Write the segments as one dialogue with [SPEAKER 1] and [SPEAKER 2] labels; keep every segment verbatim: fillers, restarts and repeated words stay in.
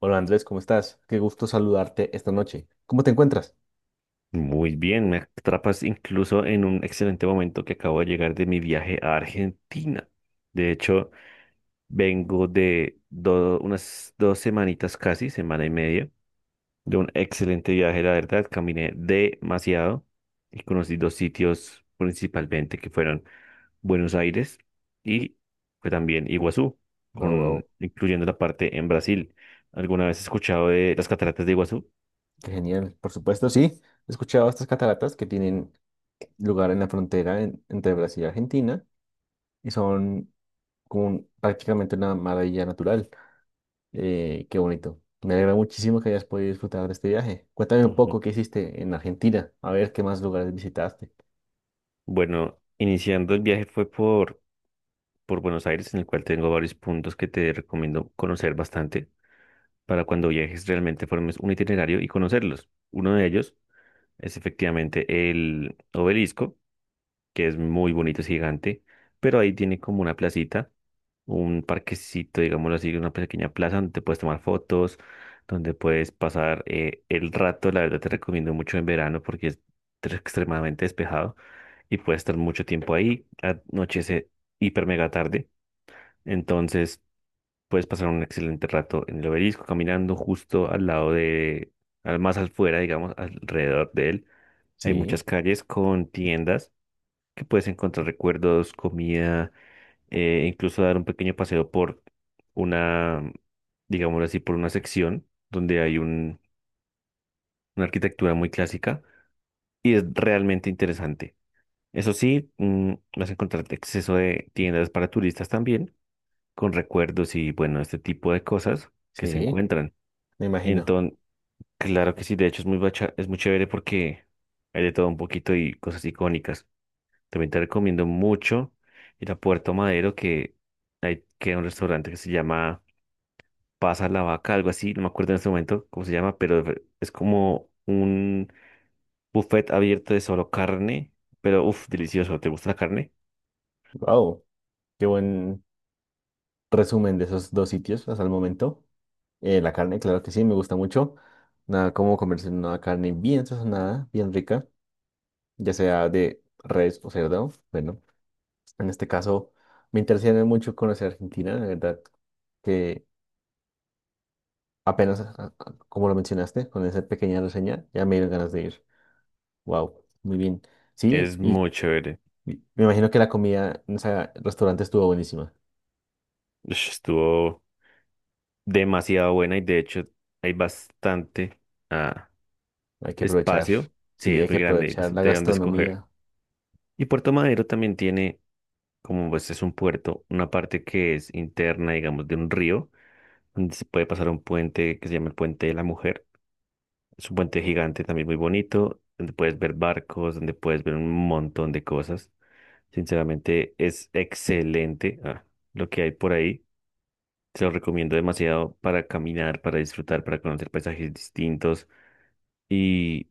[SPEAKER 1] Hola Andrés, ¿cómo estás? Qué gusto saludarte esta noche. ¿Cómo te encuentras?
[SPEAKER 2] Muy bien, me atrapas incluso en un excelente momento que acabo de llegar de mi viaje a Argentina. De hecho, vengo de do- unas dos semanitas casi, semana y media, de un excelente viaje, la verdad. Caminé demasiado y conocí dos sitios principalmente que fueron Buenos Aires y fue también Iguazú,
[SPEAKER 1] Wow, wow,
[SPEAKER 2] con, incluyendo la parte en Brasil. ¿Alguna vez has escuchado de las cataratas de Iguazú?
[SPEAKER 1] qué genial. Por supuesto, sí. He escuchado estas cataratas que tienen lugar en la frontera en- entre Brasil y Argentina y son como un- prácticamente una maravilla natural. Eh, qué bonito. Me alegra muchísimo que hayas podido disfrutar de este viaje. Cuéntame un
[SPEAKER 2] Ujú.
[SPEAKER 1] poco qué hiciste en Argentina, a ver qué más lugares visitaste.
[SPEAKER 2] Bueno, iniciando el viaje fue por por Buenos Aires, en el cual tengo varios puntos que te recomiendo conocer bastante para cuando viajes realmente formes un itinerario y conocerlos. Uno de ellos es efectivamente el obelisco, que es muy bonito, es gigante, pero ahí tiene como una placita, un parquecito, digámoslo así, una pequeña plaza donde te puedes tomar fotos, donde puedes pasar eh, el rato. La verdad te recomiendo mucho en verano porque es tre- extremadamente despejado y puedes estar mucho tiempo ahí, anochece hiper mega tarde. Entonces, puedes pasar un excelente rato en el obelisco, caminando justo al lado de, al más afuera, digamos, alrededor de él. Hay
[SPEAKER 1] Sí,
[SPEAKER 2] muchas calles con tiendas que puedes encontrar recuerdos, comida, eh, incluso dar un pequeño paseo por una, digámoslo así, por una sección donde hay un- una arquitectura muy clásica y es realmente interesante. Eso sí, mm, vas a encontrar exceso de tiendas para turistas también, con recuerdos y bueno, este tipo de cosas que se
[SPEAKER 1] sí,
[SPEAKER 2] encuentran.
[SPEAKER 1] me imagino.
[SPEAKER 2] Entonces, claro que sí, de hecho es muy, bacha- es muy chévere porque hay de todo un poquito y cosas icónicas. También te recomiendo mucho ir a Puerto Madero, que hay que un restaurante que se llama Pasa la Vaca, algo así, no me acuerdo en este momento cómo se llama, pero es como un buffet abierto de solo carne, pero uff, delicioso, ¿te gusta la carne?
[SPEAKER 1] Wow, qué buen resumen de esos dos sitios hasta el momento. Eh, la carne, claro que sí, me gusta mucho. Nada como comerse una carne bien sazonada, bien rica, ya sea de res o cerdo. Bueno, en este caso me interesa mucho conocer Argentina, la verdad que apenas, a- a- como lo mencionaste, con esa pequeña reseña, ya me dieron ganas de ir. Wow, muy bien. Sí,
[SPEAKER 2] Es
[SPEAKER 1] y
[SPEAKER 2] muy chévere.
[SPEAKER 1] y me imagino que la comida en ese restaurante estuvo buenísima.
[SPEAKER 2] Ush, estuvo demasiado buena y de hecho hay bastante. ah,
[SPEAKER 1] Hay que aprovechar,
[SPEAKER 2] Espacio, sí,
[SPEAKER 1] sí,
[SPEAKER 2] es
[SPEAKER 1] hay que
[SPEAKER 2] muy grande, hay
[SPEAKER 1] aprovechar la
[SPEAKER 2] bastante de dónde escoger.
[SPEAKER 1] gastronomía,
[SPEAKER 2] Y Puerto Madero también tiene, como pues es un puerto, una parte que es interna, digamos, de un río, donde se puede pasar un puente que se llama el Puente de la Mujer. Es un puente gigante también muy bonito, donde puedes ver barcos, donde puedes ver un montón de cosas. Sinceramente, es excelente, ah, lo que hay por ahí. Se lo recomiendo demasiado para caminar, para disfrutar, para conocer paisajes distintos. y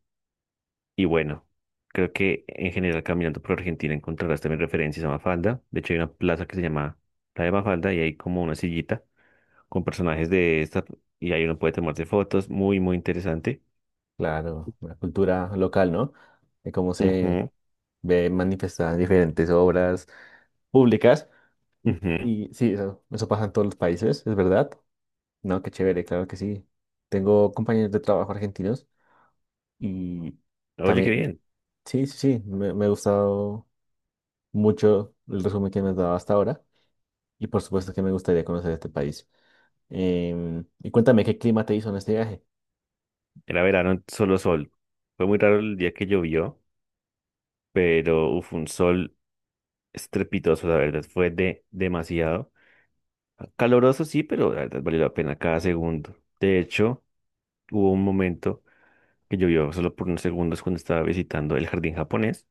[SPEAKER 2] Y bueno, creo que en general caminando por Argentina encontrarás también referencias a Mafalda. De hecho, hay una plaza que se llama la de Mafalda y hay como una sillita con personajes de esta y ahí uno puede tomarse fotos. Muy, muy interesante.
[SPEAKER 1] claro, la cultura local, ¿no? De cómo se
[SPEAKER 2] Ujú,
[SPEAKER 1] ve manifestada en diferentes obras públicas.
[SPEAKER 2] ujú.
[SPEAKER 1] Y sí, eso, eso pasa en todos los países, es verdad. No, qué chévere, claro que sí. Tengo compañeros de trabajo argentinos y
[SPEAKER 2] Oye, qué
[SPEAKER 1] también,
[SPEAKER 2] bien.
[SPEAKER 1] sí, sí, sí, me, me ha gustado mucho el resumen que me has dado hasta ahora y por supuesto que me gustaría conocer este país. Em, y cuéntame, ¿qué clima te hizo en este viaje?
[SPEAKER 2] Era verano, solo sol. Fue muy raro el día que llovió, pero uf, un sol estrepitoso, la verdad. Fue de demasiado. Caloroso sí, pero la verdad valió la pena cada segundo. De hecho, hubo un momento que llovió solo por unos segundos cuando estaba visitando el jardín japonés,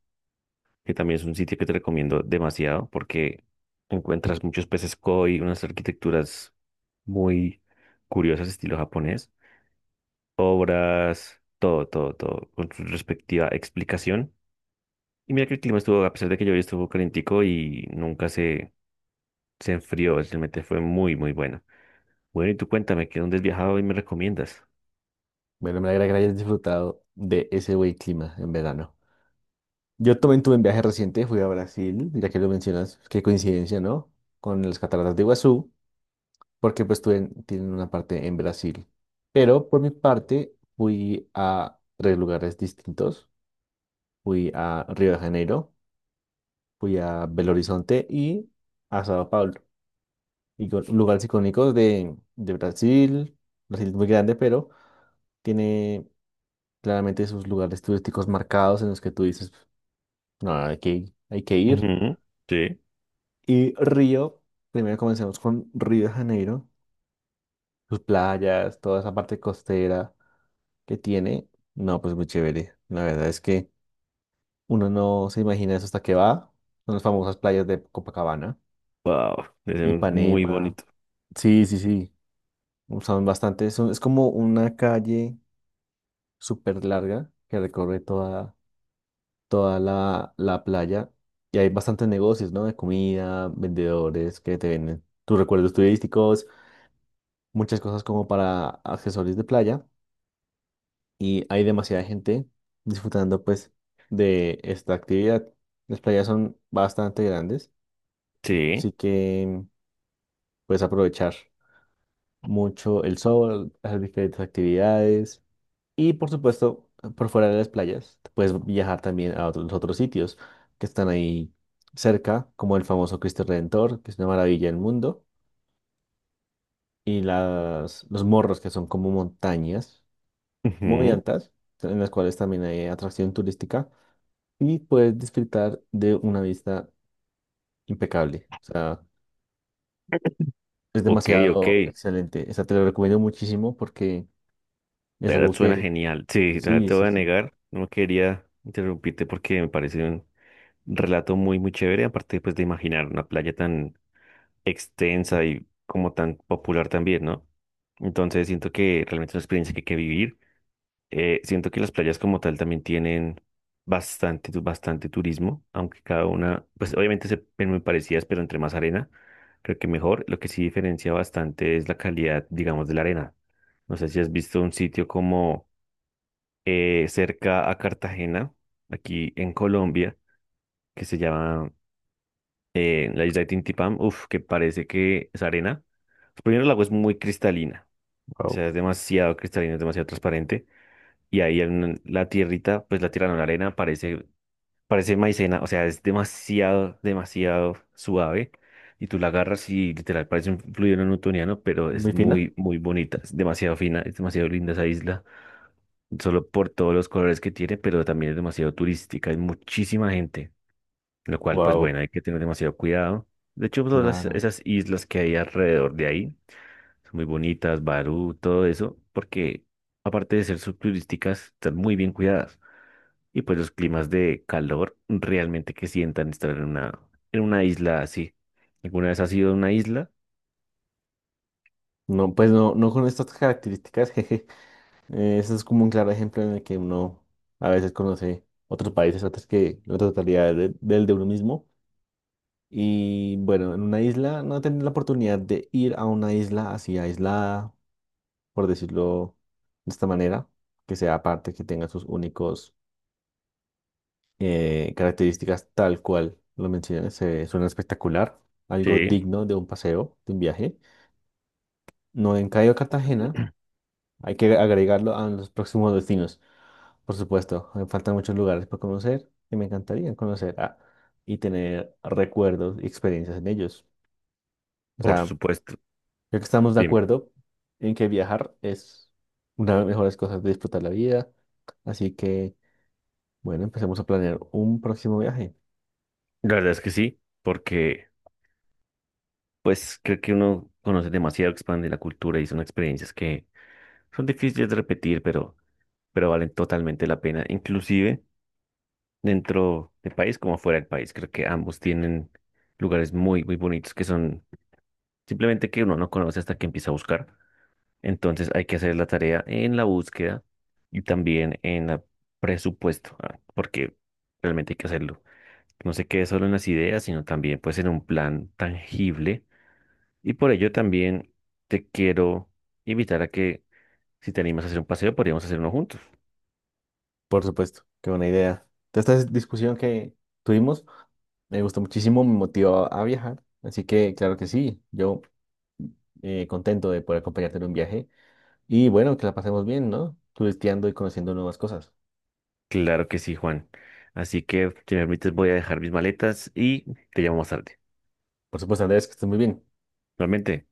[SPEAKER 2] que también es un sitio que te recomiendo demasiado porque encuentras muchos peces koi, unas arquitecturas muy curiosas estilo japonés, obras, todo, todo, todo, con su respectiva explicación. Y mira que el clima estuvo, a pesar de que llovió, estuvo calentico y nunca se, se enfrió, realmente fue muy, muy bueno. Bueno, y tú cuéntame, ¿qué dónde has viajado y me recomiendas?
[SPEAKER 1] Bueno, me alegra que hayas disfrutado de ese buen clima en verano. Yo también tuve un viaje reciente, fui a Brasil, ya que lo mencionas, qué coincidencia, ¿no? Con las cataratas de Iguazú, porque pues tuen- tienen una parte en Brasil. Pero por mi parte fui a tres lugares distintos. Fui a Río de Janeiro, fui a Belo Horizonte y a Sao Paulo. Y con- lugares icónicos de, de Brasil. Brasil es muy grande, pero tiene claramente sus lugares turísticos marcados en los que tú dices, no, hay que, hay que ir.
[SPEAKER 2] Ujú, sí.
[SPEAKER 1] Y Río, primero comencemos con Río de Janeiro, sus playas, toda esa parte costera que tiene. No, pues muy chévere. La verdad es que uno no se imagina eso hasta que va. Son las famosas playas de Copacabana,
[SPEAKER 2] Wow, es muy
[SPEAKER 1] Ipanema.
[SPEAKER 2] bonito.
[SPEAKER 1] Sí, sí, sí. Son bastante. Son, es como una calle súper larga que recorre toda, toda la, la playa. Y hay bastantes negocios, ¿no? De comida, vendedores que te venden tus recuerdos turísticos, muchas cosas como para accesorios de playa, y hay demasiada gente disfrutando pues de esta actividad. Las playas son bastante grandes,
[SPEAKER 2] Sí.
[SPEAKER 1] así que puedes aprovechar mucho el sol, hacer diferentes actividades y por supuesto por fuera de las playas puedes viajar también a otros, los otros sitios que están ahí cerca, como el famoso Cristo Redentor, que es una maravilla del mundo, y las, los morros que son como montañas muy
[SPEAKER 2] Ujú.
[SPEAKER 1] altas, en las cuales también hay atracción turística y puedes disfrutar de una vista impecable. O sea, es
[SPEAKER 2] Ok, ok,
[SPEAKER 1] demasiado
[SPEAKER 2] de
[SPEAKER 1] excelente. Esa te lo recomiendo muchísimo porque es
[SPEAKER 2] verdad
[SPEAKER 1] algo
[SPEAKER 2] suena
[SPEAKER 1] que,
[SPEAKER 2] genial. Sí, de verdad
[SPEAKER 1] sí,
[SPEAKER 2] te
[SPEAKER 1] sí,
[SPEAKER 2] voy a
[SPEAKER 1] sí,
[SPEAKER 2] negar, no quería interrumpirte porque me parece un relato muy, muy chévere, aparte pues de imaginar una playa tan extensa y como tan popular también, ¿no? Entonces siento que realmente es una experiencia que hay que vivir. Eh, siento que las playas como tal también tienen bastante, tu- bastante turismo, aunque cada una, pues obviamente se ven muy parecidas, pero entre más arena, creo que mejor. Lo que sí diferencia bastante es la calidad, digamos, de la arena. No sé si has visto un sitio como eh, cerca a Cartagena, aquí en Colombia, que se llama eh, la isla de Tintipán. Uf, que parece que es arena. Pues, primero, el agua es muy cristalina, o
[SPEAKER 1] wow,
[SPEAKER 2] sea, es demasiado cristalina, es demasiado transparente. Y ahí en la tierrita, pues la tierra no, la arena parece, parece maicena, o sea, es demasiado, demasiado suave. Y tú la agarras y literal parece un fluido newtoniano, pero es
[SPEAKER 1] muy fina,
[SPEAKER 2] muy, muy bonita, es demasiado fina, es demasiado linda esa isla, solo por todos los colores que tiene, pero también es demasiado turística, hay muchísima gente, lo cual, pues
[SPEAKER 1] wow,
[SPEAKER 2] bueno, hay que tener demasiado cuidado. De hecho, todas las-
[SPEAKER 1] claro.
[SPEAKER 2] esas islas que hay alrededor de ahí son muy bonitas, Barú, todo eso, porque aparte de ser subturísticas, están muy bien cuidadas y pues los climas de calor realmente que sientan estar en una, en una isla así. ¿Alguna vez has ido a una isla?
[SPEAKER 1] No, pues no, no con estas características, jeje. Eh, Eso es como un claro ejemplo en el que uno a veces conoce otros países antes que la totalidad de- del de uno mismo. Y bueno, en una isla, no tener la oportunidad de ir a una isla así aislada, por decirlo de esta manera, que sea aparte, que tenga sus únicos eh, características tal cual lo mencioné, se suena espectacular, algo
[SPEAKER 2] Sí,
[SPEAKER 1] digno de un paseo, de un viaje. No en Cayo Cartagena, hay que agregarlo a los próximos destinos, por supuesto. Me faltan muchos lugares por conocer y me encantaría conocer ah, y tener recuerdos y experiencias en ellos. O
[SPEAKER 2] por
[SPEAKER 1] sea,
[SPEAKER 2] supuesto.
[SPEAKER 1] creo que estamos de
[SPEAKER 2] Dime.
[SPEAKER 1] acuerdo en que viajar es una de las mejores cosas de disfrutar la vida. Así que, bueno, empecemos a planear un próximo viaje.
[SPEAKER 2] La verdad es que sí, porque pues creo que uno conoce demasiado, expande la cultura y son experiencias que son difíciles de repetir, pero, pero valen totalmente la pena, inclusive dentro del país como fuera del país. Creo que ambos tienen lugares muy, muy bonitos que son simplemente que uno no conoce hasta que empieza a buscar. Entonces hay que hacer la tarea en la búsqueda y también en el presupuesto, ah, porque realmente hay que hacerlo. No se quede solo en las ideas, sino también pues en un plan tangible. Y por ello también te quiero invitar a que si te animas a hacer un paseo, podríamos hacer uno juntos.
[SPEAKER 1] Por supuesto, qué buena idea. Toda esta dis- discusión que tuvimos me gustó muchísimo, me motivó a viajar. Así que, claro que sí, yo eh, contento de poder acompañarte en un viaje. Y bueno, que la pasemos bien, ¿no? Turisteando y conociendo nuevas cosas.
[SPEAKER 2] Claro que sí, Juan. Así que, si me permites, voy a dejar mis maletas y te llamo más tarde.
[SPEAKER 1] Por supuesto, Andrés, que estés muy bien.
[SPEAKER 2] Realmente.